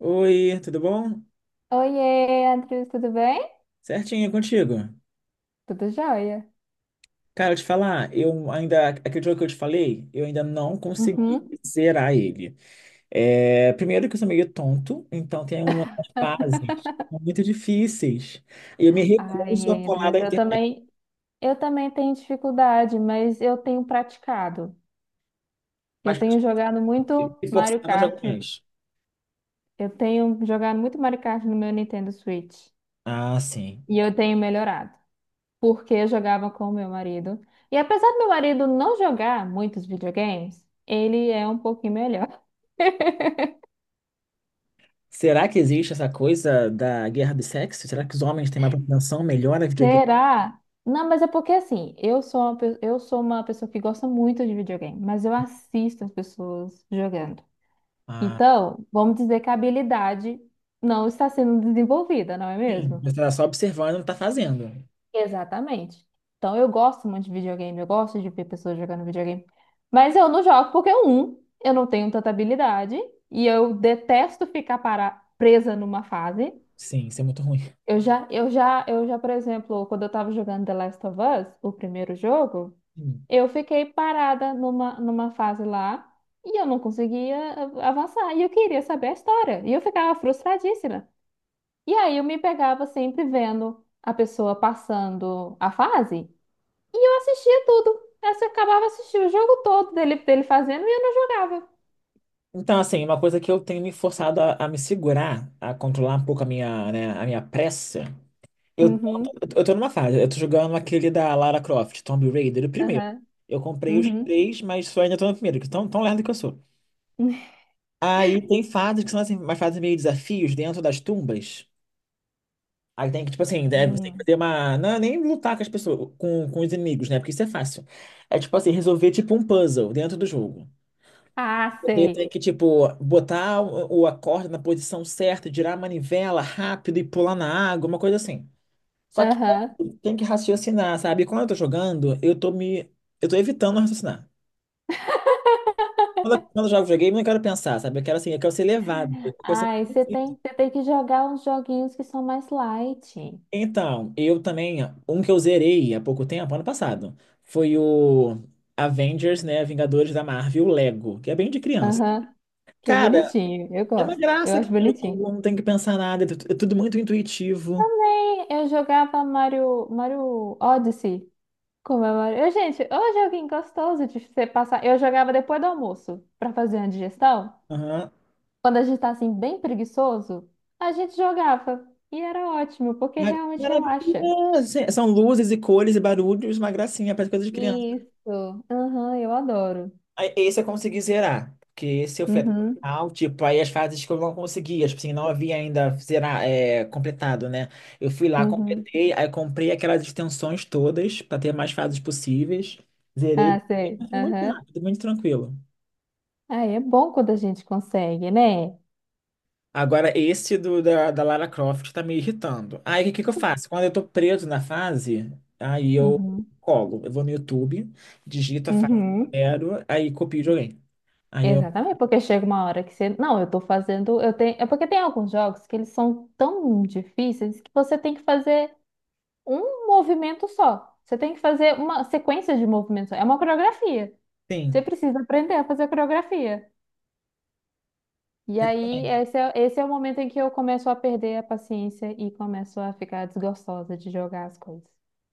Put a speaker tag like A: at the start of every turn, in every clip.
A: Oi, tudo bom?
B: Oiê, Andrews, tudo bem?
A: Certinho, e contigo?
B: Tudo jóia.
A: Cara, eu te falar, eu ainda, aquele jogo que eu te falei, eu ainda não consegui
B: Uhum.
A: zerar ele. É, primeiro que eu sou meio tonto, então tem umas fases muito difíceis. E eu me recuso a
B: Ai,
A: colar da
B: Andrews,
A: internet,
B: eu também tenho dificuldade, mas eu tenho praticado. Eu
A: mas
B: tenho jogado muito
A: me
B: Mario
A: forçado a jogar
B: Kart.
A: mais.
B: Eu tenho jogado muito Mario Kart no meu Nintendo Switch.
A: Ah, sim.
B: E eu tenho melhorado, porque eu jogava com o meu marido. E apesar do meu marido não jogar muitos videogames, ele é um pouquinho melhor.
A: Será que existe essa coisa da guerra do sexo? Será que os homens têm mais propensão, melhor a videogame?
B: Será? Não, mas é porque assim, eu sou uma pessoa que gosta muito de videogame, mas eu assisto as pessoas jogando.
A: Ah,
B: Então, vamos dizer que a habilidade não está sendo desenvolvida, não é
A: sim.
B: mesmo?
A: Você tá só observando e não tá fazendo.
B: Exatamente. Então, eu gosto muito de videogame, eu gosto de ver pessoas jogando videogame, mas eu não jogo porque, um, eu não tenho tanta habilidade e eu detesto presa numa fase.
A: Sim, isso é muito ruim.
B: Eu já, por exemplo, quando eu tava jogando The Last of Us, o primeiro jogo,
A: Hum.
B: eu fiquei parada numa fase lá e eu não conseguia avançar. E eu queria saber a história. E eu ficava frustradíssima. E aí eu me pegava sempre vendo a pessoa passando a fase e eu assistia tudo. Aí você acabava assistindo o jogo todo dele, dele fazendo e eu não jogava.
A: Então, assim, uma coisa que eu tenho me forçado a me segurar, a controlar um pouco a minha, né, a minha pressa. Eu,
B: Uhum,
A: tô- eu tô numa fase, eu tô jogando aquele da Lara Croft, Tomb Raider, o primeiro.
B: aham,
A: Eu comprei os
B: uhum.
A: três, mas só ainda tô no primeiro, que tão, tão lerdo que eu sou. Aí tem fases que são assim, umas fases meio desafios dentro das tumbas. Aí tem que, tipo assim, deve, tem que
B: Hum.
A: fazer uma. Não, é nem lutar com as pessoas, com os inimigos, né? Porque isso é fácil. É tipo assim, resolver tipo um puzzle dentro do jogo.
B: Ah,
A: Você tem
B: sei.
A: que, tipo, botar a corda na posição certa, girar a manivela rápido e pular na água, uma coisa assim. Só que
B: Aham.
A: tem que raciocinar, sabe? E quando eu tô jogando, eu tô me. Eu tô evitando raciocinar. Quando eu jogo videogame, eu não quero pensar, sabe? Eu quero assim, eu quero ser levado. Eu quero ser
B: Ai,
A: conduzido.
B: você tem que jogar uns joguinhos que são mais light.
A: Então, eu também, um que eu zerei há pouco tempo, ano passado, foi o Avengers, né? Vingadores da Marvel, Lego, que é bem de criança.
B: Aham. Que é
A: Cara,
B: bonitinho, eu
A: é uma
B: gosto. Eu
A: graça
B: acho
A: aquele
B: bonitinho.
A: jogo, não tem que pensar nada, é tudo muito intuitivo.
B: Também eu jogava Mario Odyssey. Como é Mario? Eu, gente, ô joguinho gostoso de você passar. Eu jogava depois do almoço, pra fazer a digestão.
A: Aham.
B: Quando a gente tá assim, bem preguiçoso, a gente jogava. E era ótimo, porque
A: Ah,
B: realmente relaxa.
A: maravilhosa! São luzes e cores e barulhos, uma gracinha, parece coisa de criança.
B: Isso. Aham, eu adoro.
A: Aí, esse eu consegui zerar, porque esse eu fui até o
B: Uhum,
A: final, tipo, aí as fases que eu não conseguia, tipo assim, não havia ainda zerar, é, completado, né? Eu fui lá,
B: uhum.
A: completei, aí comprei aquelas extensões todas, para ter mais fases possíveis, zerei,
B: Ah, sei.
A: mas foi muito
B: Aham.
A: rápido, muito tranquilo.
B: Ah, é bom quando a gente consegue, né?
A: Agora, esse do, da, da Lara Croft tá me irritando. Aí, o que que eu faço? Quando eu tô preso na fase, aí eu
B: Uhum,
A: colo. Eu vou no YouTube, digito a fase que eu
B: uhum.
A: quero, aí copio e joguei. Aí eu,
B: Exatamente, porque chega uma hora que você. Não, eu tô fazendo. Eu tenho... É porque tem alguns jogos que eles são tão difíceis que você tem que fazer um movimento só. Você tem que fazer uma sequência de movimentos. É uma coreografia. Você
A: sim,
B: precisa aprender a fazer coreografia. E aí,
A: exatamente.
B: esse é o momento em que eu começo a perder a paciência e começo a ficar desgostosa de jogar as coisas.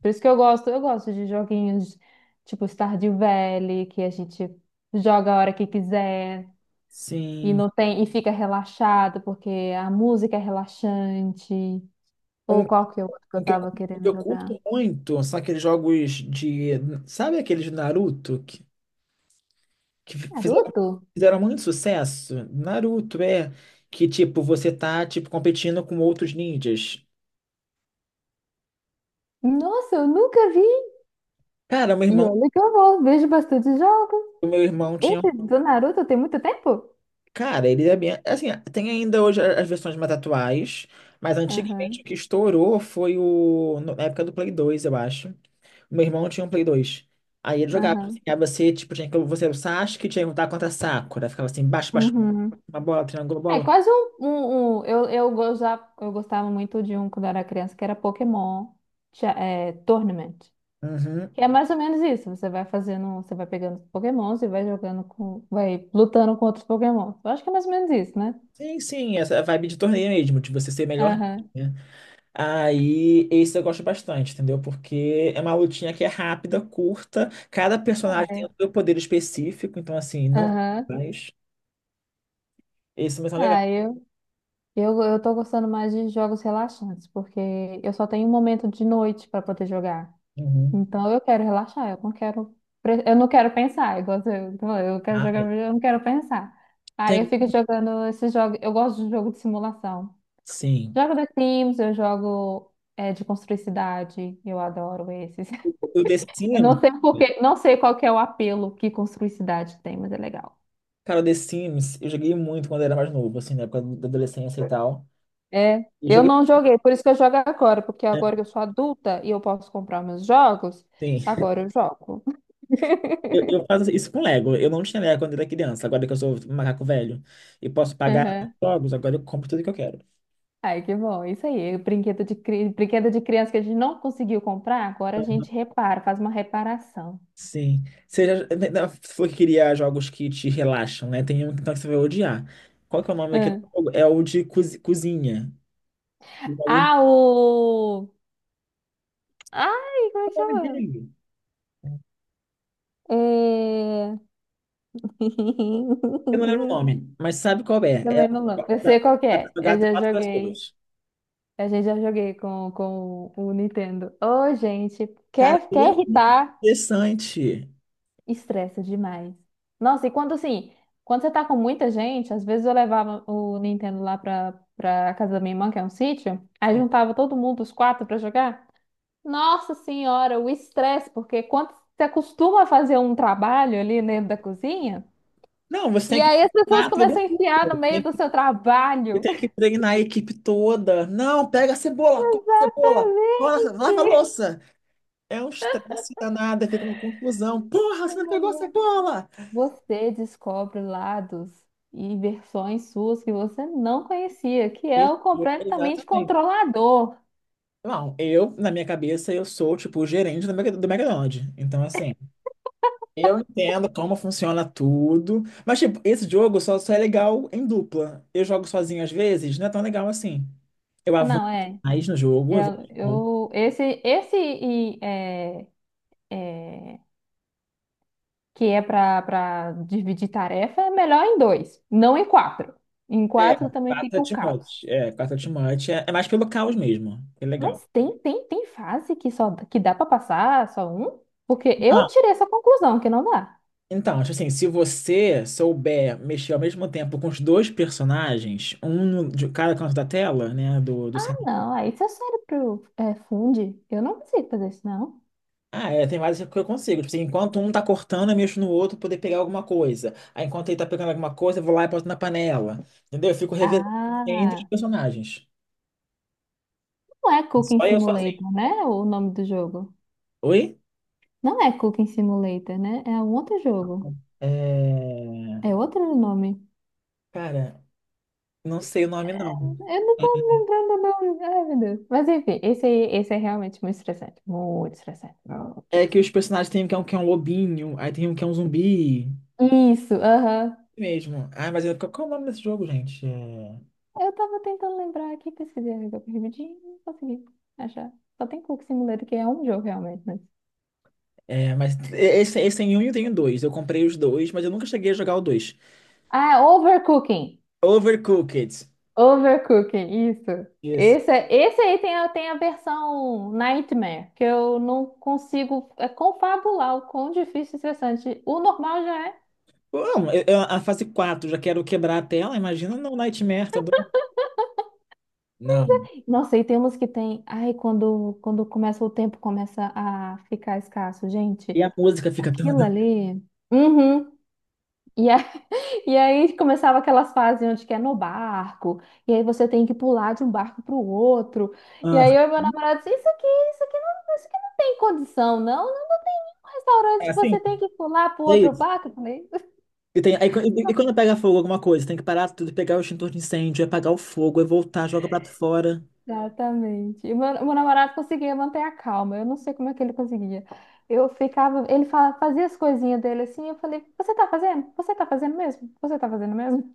B: Por isso que eu gosto de joguinhos tipo Stardew Valley, que a gente joga a hora que quiser. E
A: Sim.
B: não tem, e fica relaxado porque a música é relaxante.
A: Um,
B: Ou qual que é o outro que eu
A: um que eu,
B: tava
A: um que
B: querendo
A: eu
B: jogar?
A: curto muito são aqueles jogos de... Sabe aqueles de Naruto que fizeram,
B: Naruto?
A: fizeram muito sucesso? Naruto, é. Que, tipo, você tá, tipo, competindo com outros ninjas.
B: Nossa, eu nunca vi.
A: Cara, meu
B: E
A: irmão...
B: olha que eu vou, vejo bastante jogos.
A: O meu irmão tinha
B: Esse do Naruto tem muito tempo?
A: cara, ele é bem. Assim, tem ainda hoje as versões mais atuais, mas antigamente o
B: Aham,
A: que estourou foi o. Na época do Play 2 eu acho. O meu irmão tinha um Play dois. Aí ele jogava, assim,
B: aham.
A: aí você, tipo, tinha que. Você era o Sasuke, tinha que lutar contra a Sakura. Ficava assim, baixo, baixo,
B: Uhum.
A: uma bola, triângulo,
B: É
A: bola.
B: quase eu gostava muito de um quando eu era criança que era Pokémon Tournament.
A: Uhum.
B: Que é mais ou menos isso. Você vai fazendo, você vai pegando os Pokémons e vai jogando com, vai lutando com outros Pokémons. Eu acho que é mais ou menos isso, né?
A: Sim, sim, essa vibe de torneio mesmo, de você ser melhor,
B: Aham.
A: né? Aí, esse eu gosto bastante, entendeu? Porque é uma lutinha que é rápida, curta, cada personagem tem
B: É.
A: o seu poder específico, então, assim, não.
B: Aham.
A: Esse também são legais.
B: Ah, eu tô gostando mais de jogos relaxantes, porque eu só tenho um momento de noite para poder jogar.
A: Uhum.
B: Então eu quero relaxar, eu não quero pensar, igual você, eu quero
A: Ah,
B: jogar,
A: é.
B: eu não quero pensar. Aí eu
A: Tem,
B: fico jogando esses jogos, eu gosto de jogo de simulação.
A: sim.
B: Jogo The Sims, eu jogo de construir cidade, eu adoro esses.
A: O The
B: Eu
A: Sims,
B: não sei porque, não sei qual que é o apelo que construir cidade tem, mas é legal.
A: cara, o The Sims, eu joguei muito quando era mais novo, assim, na época da adolescência e tal.
B: É,
A: Eu
B: eu
A: joguei,
B: não joguei, por isso que eu jogo agora, porque
A: né?
B: agora que eu sou adulta e eu posso comprar meus jogos,
A: Sim.
B: agora eu jogo.
A: Eu faço isso com Lego. Eu não tinha Lego quando era criança, agora que eu sou um macaco velho e posso pagar
B: Aham.
A: jogos, agora eu compro tudo que eu quero.
B: Ai, que bom, isso aí, brinquedo de criança que a gente não conseguiu comprar, agora a gente repara, faz uma reparação.
A: Sim. Seja, se for que queria jogos que te relaxam, né? Tem um então, que você vai odiar. Qual que é o nome daquele
B: Hum.
A: jogo? É o de cozinha. Eu joguei-
B: Ah, o... Ai, como é que
A: Qual é o nome
B: chama?
A: dele?
B: É,
A: Eu não lembro o nome, mas sabe qual é? É a
B: também não lembro. Eu
A: da,
B: sei qual que
A: da
B: é. Eu
A: caçada
B: já
A: quatro
B: joguei.
A: pessoas.
B: A gente já joguei com o Nintendo. Ô, gente,
A: Cara, ele
B: quer
A: é muito
B: irritar?
A: interessante.
B: Estressa demais. Nossa, e quando assim, quando você tá com muita gente, às vezes eu levava o Nintendo lá pra casa da minha irmã, que é um sítio, aí juntava todo mundo, os quatro, pra jogar. Nossa senhora, o estresse, porque quando você acostuma a fazer um trabalho ali dentro da cozinha,
A: Não, você
B: e
A: tem que
B: aí as pessoas
A: treinar todo
B: começam a enfiar no
A: mundo.
B: meio
A: Tem,
B: do seu
A: você
B: trabalho.
A: tem que treinar a equipe toda. Não, pega a cebola, corta, lava a
B: Gente,
A: louça. É um estresse danado, fica uma confusão. Porra, você não pegou a
B: ai, ai.
A: cebola!
B: Você descobre lados e versões suas que você não conhecia, que é
A: Isso,
B: o completamente
A: exatamente.
B: controlador.
A: Não, eu, na minha cabeça, eu sou, tipo, o gerente do do McDonald's. Então, assim, eu entendo como funciona tudo, mas tipo, esse jogo só é legal em dupla. Eu jogo sozinho às vezes, não é tão legal assim. Eu
B: Ah,
A: avanço
B: não, é.
A: mais no jogo, eu vou.
B: Eu, eu- esse esse e, é, é, que é para dividir tarefa é melhor em dois, não em quatro. Em
A: É,
B: quatro também
A: 4 é
B: fica o
A: too.
B: caos.
A: É, 4 é. É, é mais pelo caos mesmo. É legal.
B: Mas tem fase que só que dá para passar só um? Porque eu
A: Ah,
B: tirei essa conclusão que não dá.
A: então, tipo assim, se você souber mexer ao mesmo tempo com os dois personagens, um de cada canto da tela, né, do.
B: Não, aí se seu cérebro é, funde. Eu não consigo fazer isso, não.
A: Ah, é, tem várias que eu consigo. Tipo assim, enquanto um tá cortando, eu mexo no outro pra poder pegar alguma coisa. Aí enquanto ele tá pegando alguma coisa, eu vou lá e boto na panela. Entendeu? Eu fico revezando entre os
B: Ah,
A: personagens.
B: não é Cooking
A: Só eu sozinho.
B: Simulator, né? O nome do jogo.
A: Oi?
B: Não é Cooking Simulator, né? É um outro jogo. É
A: É...
B: outro nome.
A: Cara, não sei o nome não.
B: Eu não tô me lembrando o nome. Ai, meu Deus. Mas enfim, esse aí, esse é realmente muito estressante. Muito estressante. Muito
A: É que
B: estressante.
A: os personagens tem um que é um, que é um lobinho, aí tem um que é um zumbi.
B: Isso, aham.
A: Mesmo. Ah, mas qual qual é o nome desse jogo, gente? É,
B: Eu tava tentando lembrar aqui, pesquisei rapidinho, não consegui achar. Só tem Cooking Simulator, que é um jogo realmente, né?
A: é, mas esse tem um e tem dois. Eu comprei os dois, mas eu nunca cheguei a jogar o dois.
B: Ah, é Overcooking.
A: Overcooked.
B: Overcooking, isso.
A: Isso.
B: Esse, tem a versão Nightmare, que eu não consigo confabular o quão difícil e estressante. O normal já é.
A: Bom, a fase 4 já quero quebrar a tela, imagina no Nightmare, tá doido? Não.
B: Nossa, e temos que tem. Ai, quando começa o tempo, começa a ficar escasso. Gente,
A: E a música fica
B: aquilo
A: toda.
B: ali. Uhum. E, a- e aí começava aquelas fases onde que é no barco, e aí você tem que pular de um barco para o outro. E aí
A: Ah,
B: eu e meu namorado disse, isso aqui, isso aqui não tem condição, não. Um restaurante
A: é
B: que
A: assim,
B: você tem que pular pro
A: é
B: outro
A: isso.
B: barco, eu falei.
A: E, tem, aí, e quando pega fogo alguma coisa, tem que parar tudo, pegar o extintor de incêndio, é apagar o fogo, aí voltar, joga o prato fora.
B: Exatamente. E meu namorado conseguia manter a calma. Eu não sei como é que ele conseguia. Eu ficava, ele fazia as coisinhas dele assim, eu falei, você tá fazendo? Você tá fazendo mesmo?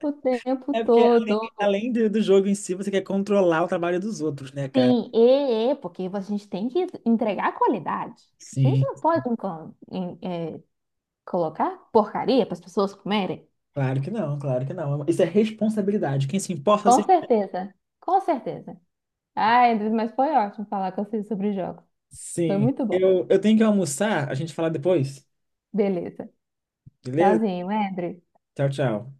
B: O tempo
A: É porque além,
B: todo.
A: além do, do jogo em si, você quer controlar o trabalho dos outros, né, cara?
B: Sim, porque a gente tem que entregar qualidade. A gente
A: Sim,
B: não pode colocar porcaria para as pessoas comerem.
A: claro que não, claro que não. Isso é responsabilidade. Quem se importa,
B: Com
A: se...
B: certeza, com certeza. Ai, mas foi ótimo falar com vocês sobre jogos. Foi
A: Sim.
B: muito bom.
A: Eu tenho que almoçar, a gente fala depois.
B: Beleza.
A: Beleza?
B: Tchauzinho, André.
A: Tchau, tchau.